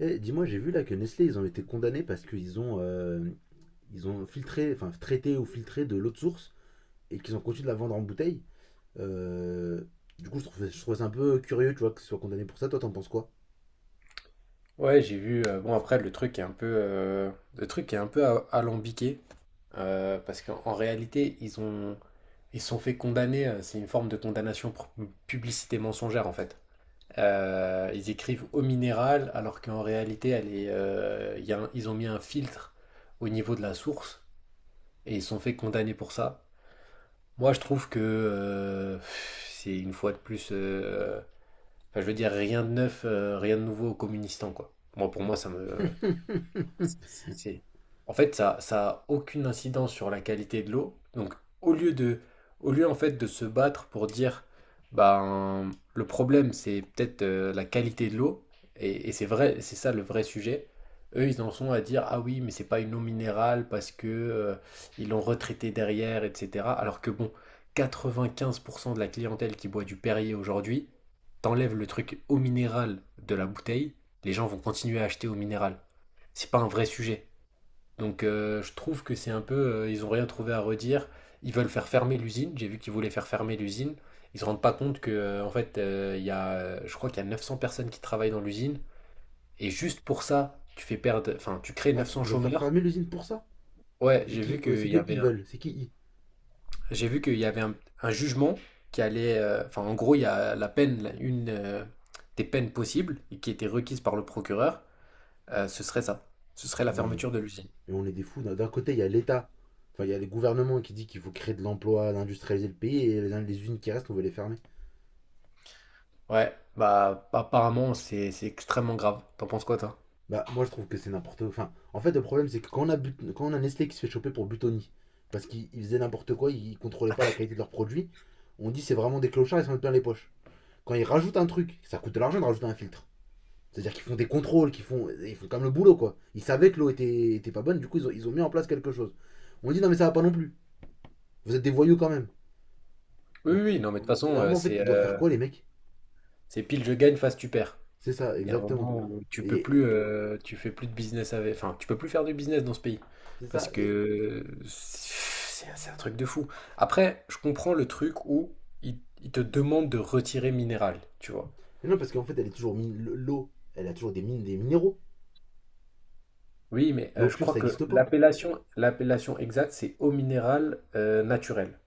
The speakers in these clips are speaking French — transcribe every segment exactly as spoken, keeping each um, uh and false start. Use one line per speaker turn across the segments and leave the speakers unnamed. Eh, dis-moi, j'ai vu là que Nestlé, ils ont été condamnés parce qu'ils ont, euh, ils ont filtré, enfin traité ou filtré de l'eau de source et qu'ils ont continué de la vendre en bouteille. Euh, du coup, je trouve, je trouve ça un peu curieux, tu vois, qu'ils soient condamnés pour ça. Toi, t'en penses quoi?
Ouais, j'ai vu. euh, bon, après, le truc est un peu, euh, le truc est un peu a- alambiqué euh, parce qu'en en réalité, ils ont, ils se sont fait condamner. euh, C'est une forme de condamnation pour publicité mensongère en fait. Euh, ils écrivent au minéral alors qu'en réalité, elle est, euh, il y a un- ils ont mis un filtre au niveau de la source et ils se sont fait condamner pour ça. Moi, je trouve que euh, pff, c'est une fois de plus. Euh, enfin, je veux dire, rien de neuf, euh, rien de nouveau aux communistes, hein, quoi. Moi, pour moi, ça me. C'est c'est- c'est- En fait, ça, ça a aucune incidence sur la qualité de l'eau. Donc, au lieu de, au lieu en fait de se battre pour dire, ben, le problème c'est peut-être euh, la qualité de l'eau, et, et c'est vrai, c'est ça le vrai sujet. Eux, ils en sont à dire, ah oui, mais c'est pas une eau minérale parce que euh, ils l'ont retraitée derrière, et cetera. Alors que bon, quatre-vingt-quinze pour cent de la clientèle qui boit du Perrier aujourd'hui, t'enlèves le truc eau minérale de la bouteille, les gens vont continuer à acheter eau minérale. C'est pas un vrai sujet. Donc euh, je trouve que c'est un peu, euh, ils ont rien trouvé à redire. Ils veulent faire fermer l'usine. J'ai vu qu'ils voulaient faire fermer l'usine. Ils se rendent pas compte que euh, en fait, euh, il y a, euh, je crois qu'il y a neuf cents personnes qui travaillent dans l'usine. Et juste pour ça, tu fais perdre, enfin, tu crées
Ah,
neuf cents
ils veulent faire
chômeurs.
fermer l'usine pour ça?
Ouais,
C'est
j'ai vu
qui euh,
qu'il
c'est
y
que
avait,
ils
un-
veulent, c'est qui ils
j'ai vu qu'il y avait un, un jugement qui allait, euh, enfin, en gros, il y a la peine, la- une euh, des peines possibles et qui était requise par le procureur. Euh, ce serait ça. Ce serait la
mais,
fermeture de l'usine.
mais on est des fous. D'un d'un côté, il y a l'État, enfin, il y a les gouvernements qui disent qu'il faut créer de l'emploi, d'industrialiser le pays et les, les usines qui restent, on veut les fermer.
Ouais, bah apparemment c'est c'est extrêmement grave. T'en penses quoi toi?
Bah, moi je trouve que c'est n'importe quoi. Enfin, en fait, le problème c'est que quand on, a but- quand on a Nestlé qui se fait choper pour Butoni, parce qu'ils faisaient n'importe quoi, ils contrôlaient pas la qualité de leurs produits, on dit c'est vraiment des clochards, ils s'en mettent plein les poches. Quand ils rajoutent un truc, ça coûte de l'argent de rajouter un filtre. C'est-à-dire qu'ils font des contrôles, qu'ils font, ils font comme le boulot quoi. Ils savaient que l'eau était, était pas bonne, du coup ils ont, ils ont mis en place quelque chose. On dit non mais ça va pas non plus. Vous êtes des voyous quand même.
Oui, oui,
Donc,
oui, non mais
au
de toute
bout
façon
d'un
euh,
moment en fait,
c'est
ils doivent faire
euh,
quoi les mecs?
c'est pile je gagne, face tu perds.
C'est ça,
Il y a un
exactement.
moment où tu peux plus
Et
euh, tu fais plus de business avec, enfin tu peux plus faire du business dans ce pays
c'est
parce
ça. Et...
que c'est c'est un truc de fou. Après, je comprends le truc où ils il te demandent de retirer minéral, tu vois.
Mais non, parce qu'en fait, elle est toujours mine- l'eau, elle a toujours des mines, des minéraux.
Oui, mais
L'eau
euh, je
pure,
crois
ça
que
n'existe pas.
l'appellation l'appellation exacte c'est eau minérale euh, naturelle,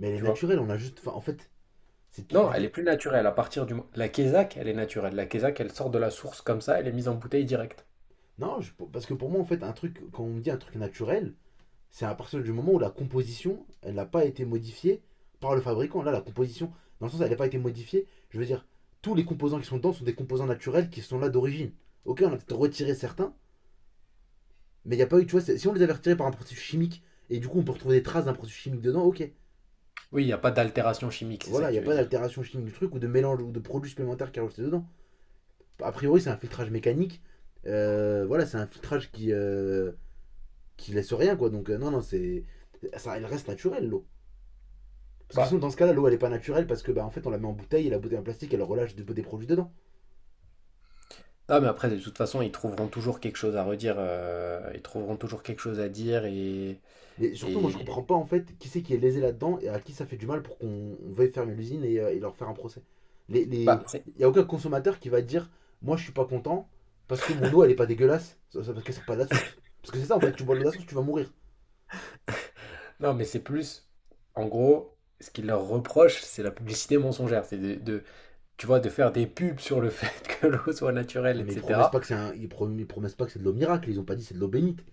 Mais elle est
tu vois.
naturelle, on a juste. Enfin, en fait, c'est
Non,
du
elle est
dé.
plus naturelle. À partir du mo- la quesac, elle est naturelle. La quesac, elle sort de la source comme ça, elle est mise en bouteille directe.
Non, je- parce que pour moi, en fait, un truc, quand on me dit un truc naturel, c'est à partir du moment où la composition, elle n'a pas été modifiée par le fabricant. Là, la composition, dans le sens, elle n'a pas été modifiée. Je veux dire, tous les composants qui sont dedans sont des composants naturels qui sont là d'origine. Ok, on a peut-être retiré certains, mais il n'y a pas eu, tu vois, si on les avait retirés par un processus chimique, et du coup, on peut retrouver des traces d'un processus chimique dedans, ok.
Oui, il n'y a pas d'altération chimique, c'est ça
Voilà,
que
il n'y
tu
a
veux
pas
dire.
d'altération chimique du truc ou de mélange ou de produits supplémentaires qui est rajouté dedans. A priori, c'est un filtrage mécanique. Euh, voilà, c'est un filtrage qui, euh, qui laisse rien, quoi. Donc, euh, non, non, c'est. Ça, elle reste naturelle, l'eau. Parce que sinon,
Bah,
dans ce cas-là, l'eau, elle est pas naturelle parce que, bah, en fait, on la met en bouteille et la bouteille en plastique, elle relâche des, des produits dedans.
ah mais après, de toute façon, ils trouveront toujours quelque chose à redire. Euh, ils trouveront toujours quelque chose à dire et
Mais surtout, moi, je
et
comprends pas, en fait, qui c'est qui est lésé là-dedans et à qui ça fait du mal pour qu'on veuille fermer l'usine et, euh, et leur faire un procès. Il les,
bah,
les-
c'est-
y a aucun consommateur qui va dire, moi, je suis pas content parce que mon eau, elle est pas dégueulasse, parce qu'elle sort pas de la source. Parce que c'est ça, en fait, tu bois de l'eau de la source, tu vas mourir.
non, mais c'est plus, en gros, ce qu'ils leur reprochent, c'est la publicité mensongère, c'est de, de- tu vois, de faire des pubs sur le fait que l'eau soit naturelle,
Non, mais ils promettent
et cetera.
pas que c'est un... ils, prom- ils promettent pas que c'est de l'eau miracle, ils ont pas dit c'est de l'eau bénite.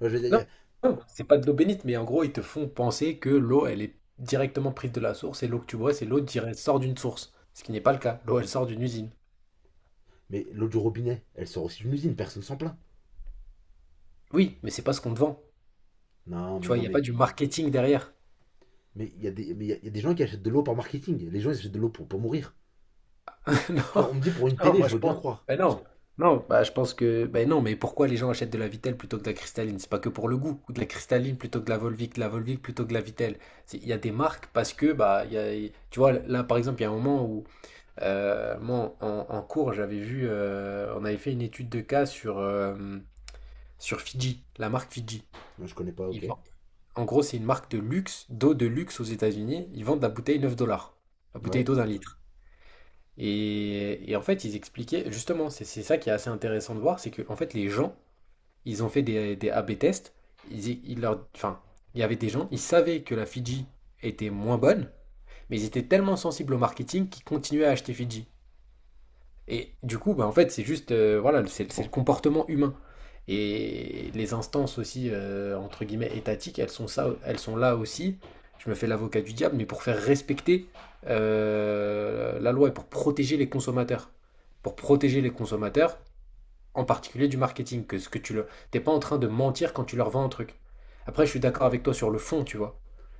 Moi, je veux
Non,
dire,
non, c'est pas de l'eau bénite, mais en gros, ils te font penser que l'eau, elle est directement prise de la source et l'eau que tu bois, c'est l'eau qui sort d'une source. Ce qui n'est pas le cas. L'eau, elle sort d'une usine.
mais l'eau du robinet, elle sort aussi d'une usine, personne s'en plaint.
Oui, mais c'est pas ce qu'on te vend.
Non,
Tu
mais
vois, il
non,
n'y a pas
mais
du marketing derrière.
mais il y a des mais il y a- y a des gens qui achètent de l'eau par marketing. Les gens ils achètent de l'eau pour pour mourir. Tu
Non,
vois, on me dit pour une
non,
télé,
moi
je
je
veux bien
pense.
croire.
Ben non, non, bah je pense que. Ben non, mais pourquoi les gens achètent de la Vittel plutôt que de la cristalline? C'est pas que pour le goût, ou de la cristalline plutôt que de la Volvic, de la Volvic plutôt que de la Vittel. C'est- Il y a des marques parce que, bah, il y a- tu vois, là par exemple, il y a un moment où. Euh, moi, en, en cours, j'avais vu, euh, on avait fait une étude de cas sur, euh, sur Fiji, la marque Fiji.
Non, je connais pas,
Ils
ok.
vendent- En gros, c'est une marque de luxe, d'eau de luxe aux États-Unis. Ils vendent la bouteille neuf dollars, la bouteille
Ouais.
d'eau d'un litre. Et, et en fait, ils expliquaient, justement, c'est c'est ça qui est assez intéressant de voir, c'est que en fait, les gens, ils ont fait des, des A B tests. Ils, ils leur, enfin, il y avait des gens, ils savaient que la Fiji était moins bonne, mais ils étaient tellement sensibles au marketing qu'ils continuaient à acheter Fiji. Et du coup, bah, en fait, c'est juste, euh, voilà, c'est c'est le comportement humain. Et les instances aussi, euh, entre guillemets, étatiques, elles sont ça, elles sont là aussi. Je me fais l'avocat du diable, mais pour faire respecter euh, la loi et pour protéger les consommateurs. Pour protéger les consommateurs, en particulier du marketing, que ce que tu le, t'es pas en train de mentir quand tu leur vends un truc. Après, je suis d'accord avec toi sur le fond, tu vois.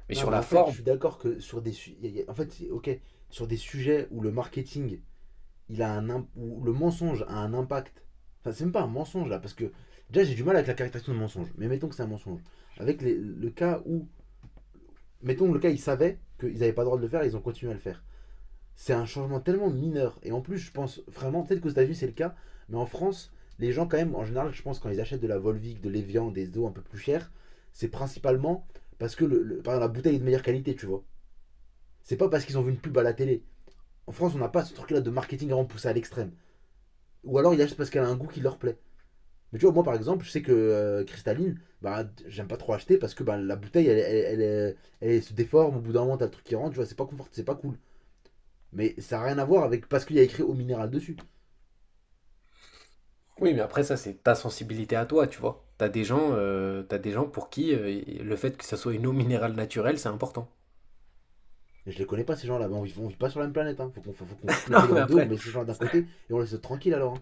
Mais
Non,
sur
mais
la
en fait, je
forme.
suis d'accord que sur des su- y a- y a- en fait, ok, sur des sujets où le marketing, il a un imp- où le mensonge a un impact. Enfin, c'est même pas un mensonge là, parce que déjà j'ai du mal avec la caractérisation de mensonge. Mais mettons que c'est un mensonge. Avec les- le cas où mettons le cas, ils savaient qu'ils n'avaient pas le droit de le faire, ils ont continué à le faire. C'est un changement tellement mineur. Et en plus, je pense vraiment, peut-être qu'aux États-Unis c'est le cas, mais en France, les gens, quand même, en général, je pense, quand ils achètent de la Volvic, de l'Evian, des eaux un peu plus chères, c'est principalement parce que le, le- par exemple, la bouteille est de meilleure qualité, tu vois. C'est pas parce qu'ils ont vu une pub à la télé. En France, on n'a pas ce truc-là de marketing vraiment poussé à l'extrême. Ou alors, ils achètent parce qu'elle a un goût qui leur plaît. Mais tu vois, moi par exemple, je sais que euh, cristalline, bah, j'aime pas trop acheter parce que bah, la bouteille, elle, elle, elle, elle- elle se déforme, au bout d'un moment, t'as le truc qui rentre, tu vois, c'est pas confort, c'est pas cool. Mais ça n'a rien à voir avec parce qu'il y a écrit eau minérale dessus.
Oui, mais après ça, c'est ta sensibilité à toi, tu vois. T'as des gens, euh, t'as des gens pour qui euh, le fait que ça soit une eau minérale naturelle, c'est important.
Et je les connais pas ces gens-là. Bah, on vit, on vit pas sur la même planète. Hein. Faut qu'on faut, qu'on coupe le
Non,
pays
mais
en deux, on
après,
met ces gens-là d'un côté et on laisse tranquille alors. Hein.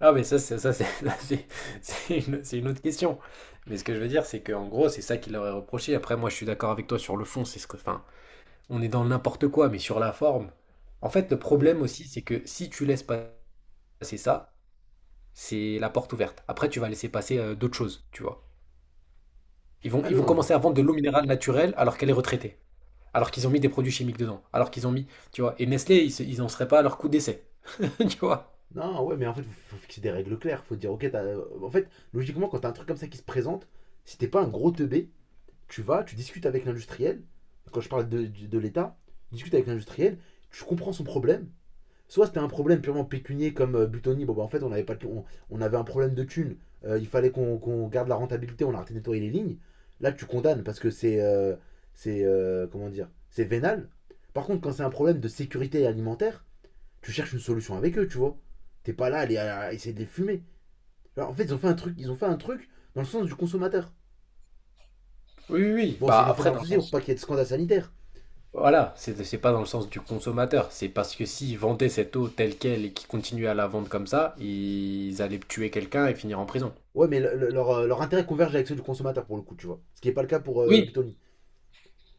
ah, mais ça, c'est ça, c'est ça, c'est- c'est une, c'est une autre question. Mais ce que je veux dire, c'est qu'en gros, c'est ça qu'il leur est reproché. Après, moi, je suis d'accord avec toi sur le fond. C'est ce que, enfin, on est dans le n'importe quoi, mais sur la forme. En fait, le
Ouais mais
problème aussi, c'est que si tu laisses passer ça, c'est la porte ouverte. Après, tu vas laisser passer euh, d'autres choses, tu vois. Ils vont,
ah
ils vont
non, je-
commencer à vendre de l'eau minérale naturelle alors qu'elle est retraitée, alors qu'ils ont mis des produits chimiques dedans, alors qu'ils ont mis, tu vois, et Nestlé, ils, se- ils en seraient pas à leur coup d'essai, tu vois.
non ouais mais en fait faut, faut fixer des règles claires. Faut dire ok, t'as- euh, en fait logiquement quand t'as un truc comme ça qui se présente, si t'es pas un gros teubé, tu vas, tu discutes avec l'industriel. Quand je parle de, de- de l'État, tu discutes avec l'industriel, tu comprends son problème. Soit c'était un problème purement pécunier comme euh, Butoni, bon bah en fait on avait, pas de- on, on avait un problème de thunes. Euh, il fallait qu'on qu'on garde la rentabilité, on a arrêté de nettoyer les lignes. Là tu condamnes parce que c'est. euh, c'est. euh, comment dire? C'est vénal. Par contre, quand c'est un problème de sécurité alimentaire, tu cherches une solution avec eux, tu vois. T'es pas là à, les- à essayer de les fumer. Alors, en fait, ils ont fait un truc, ils ont fait un truc dans le sens du consommateur.
Oui, oui, oui.
Bon, c'est-
Bah
ils l'ont fait dans
après,
leur
dans le
souci pour pas
sens,
qu'il y ait de scandale sanitaire.
voilà, c'est c'est pas dans le sens du consommateur, c'est parce que s'ils vendaient cette eau telle qu'elle et qu'ils continuaient à la vendre comme ça, ils allaient tuer quelqu'un et finir en prison.
Ouais, mais le- le- leur, euh, leur intérêt converge avec ceux du consommateur pour le coup, tu vois. Ce qui n'est pas le cas pour euh,
Oui,
Butoni.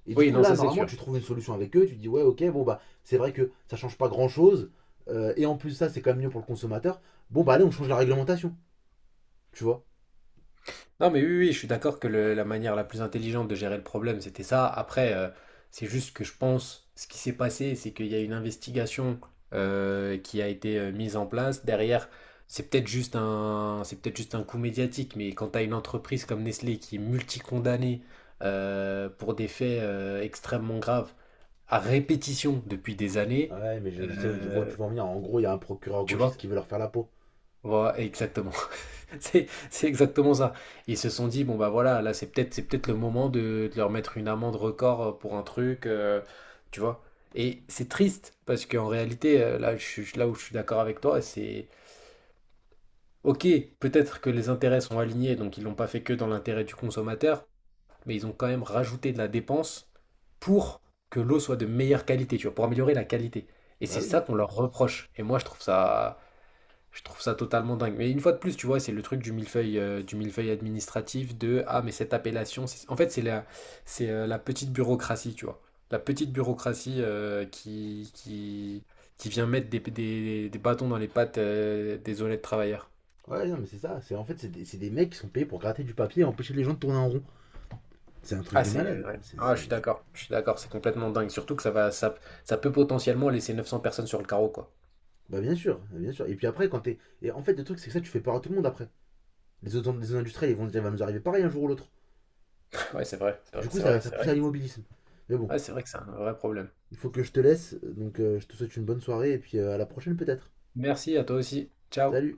Et du
oui,
coup,
non,
là,
ça c'est
normalement,
sûr.
tu trouves une solution avec eux, tu dis, ouais, ok, bon, bah, c'est vrai que ça change pas grand chose, euh, et en plus, ça, c'est quand même mieux pour le consommateur. Bon, bah, allez, on change la réglementation, tu vois.
Non, mais oui, oui, je suis d'accord que le- la manière la plus intelligente de gérer le problème, c'était ça. Après, euh, c'est juste que je pense, ce qui s'est passé, c'est qu'il y a une investigation euh, qui a été euh, mise en place. Derrière, c'est peut-être juste un, c'est peut-être juste un coup médiatique, mais quand tu as une entreprise comme Nestlé qui est multicondamnée euh, pour des faits euh, extrêmement graves, à répétition depuis des années,
Ouais, mais je, je sais, je vois où
euh,
tu vas en venir. En gros, il y a un procureur
tu vois?
gauchiste qui veut leur faire la peau.
Voilà, exactement. C'est c'est exactement ça. Ils se sont dit, bon bah voilà, là c'est peut-être c'est peut-être le moment de, de leur mettre une amende record euh, pour un truc, euh, tu vois. Et c'est triste, parce qu'en réalité, euh, là, je, suis- là où je suis d'accord avec toi, c'est ok, peut-être que les intérêts sont alignés, donc ils l'ont pas fait que dans l'intérêt du consommateur, mais ils ont quand même rajouté de la dépense pour que l'eau soit de meilleure qualité, tu vois, pour améliorer la qualité. Et
Bah
c'est
oui.
ça qu'on leur reproche. Et moi, je trouve ça, je trouve ça totalement dingue. Mais une fois de plus, tu vois, c'est le truc du millefeuille, euh, du millefeuille administratif de ah, mais cette appellation, c'est- en fait, c'est la, c'est euh, la petite bureaucratie, tu vois. La petite bureaucratie euh, qui, qui, qui vient mettre des, des, des bâtons dans les pattes euh, des honnêtes travailleurs.
Ouais, non, mais c'est ça. C'est, en fait, c'est des, c'est des mecs qui sont payés pour gratter du papier et empêcher les gens de tourner en rond. C'est un truc
Ah,
de
c'est. euh,
malade.
ouais.
C'est,
Ah, je suis
c'est-
d'accord. Je suis d'accord, c'est complètement dingue. Surtout que ça va, ça, ça peut potentiellement laisser neuf cents personnes sur le carreau, quoi.
Bah, bien sûr, bien sûr. Et puis après, quand t'es. Et en fait, le truc, c'est que ça, tu fais peur à tout le monde après. Les autres les autres industriels, ils vont dire, il va nous arriver pareil un jour ou l'autre.
Ouais, c'est vrai, c'est vrai,
Du coup,
c'est vrai,
ça, ça
c'est
pousse
vrai.
à l'immobilisme. Mais bon,
Ouais, c'est vrai que c'est un vrai problème.
il faut que je te laisse, donc euh, je te souhaite une bonne soirée et puis euh, à la prochaine peut-être.
Merci à toi aussi. Ciao.
Salut.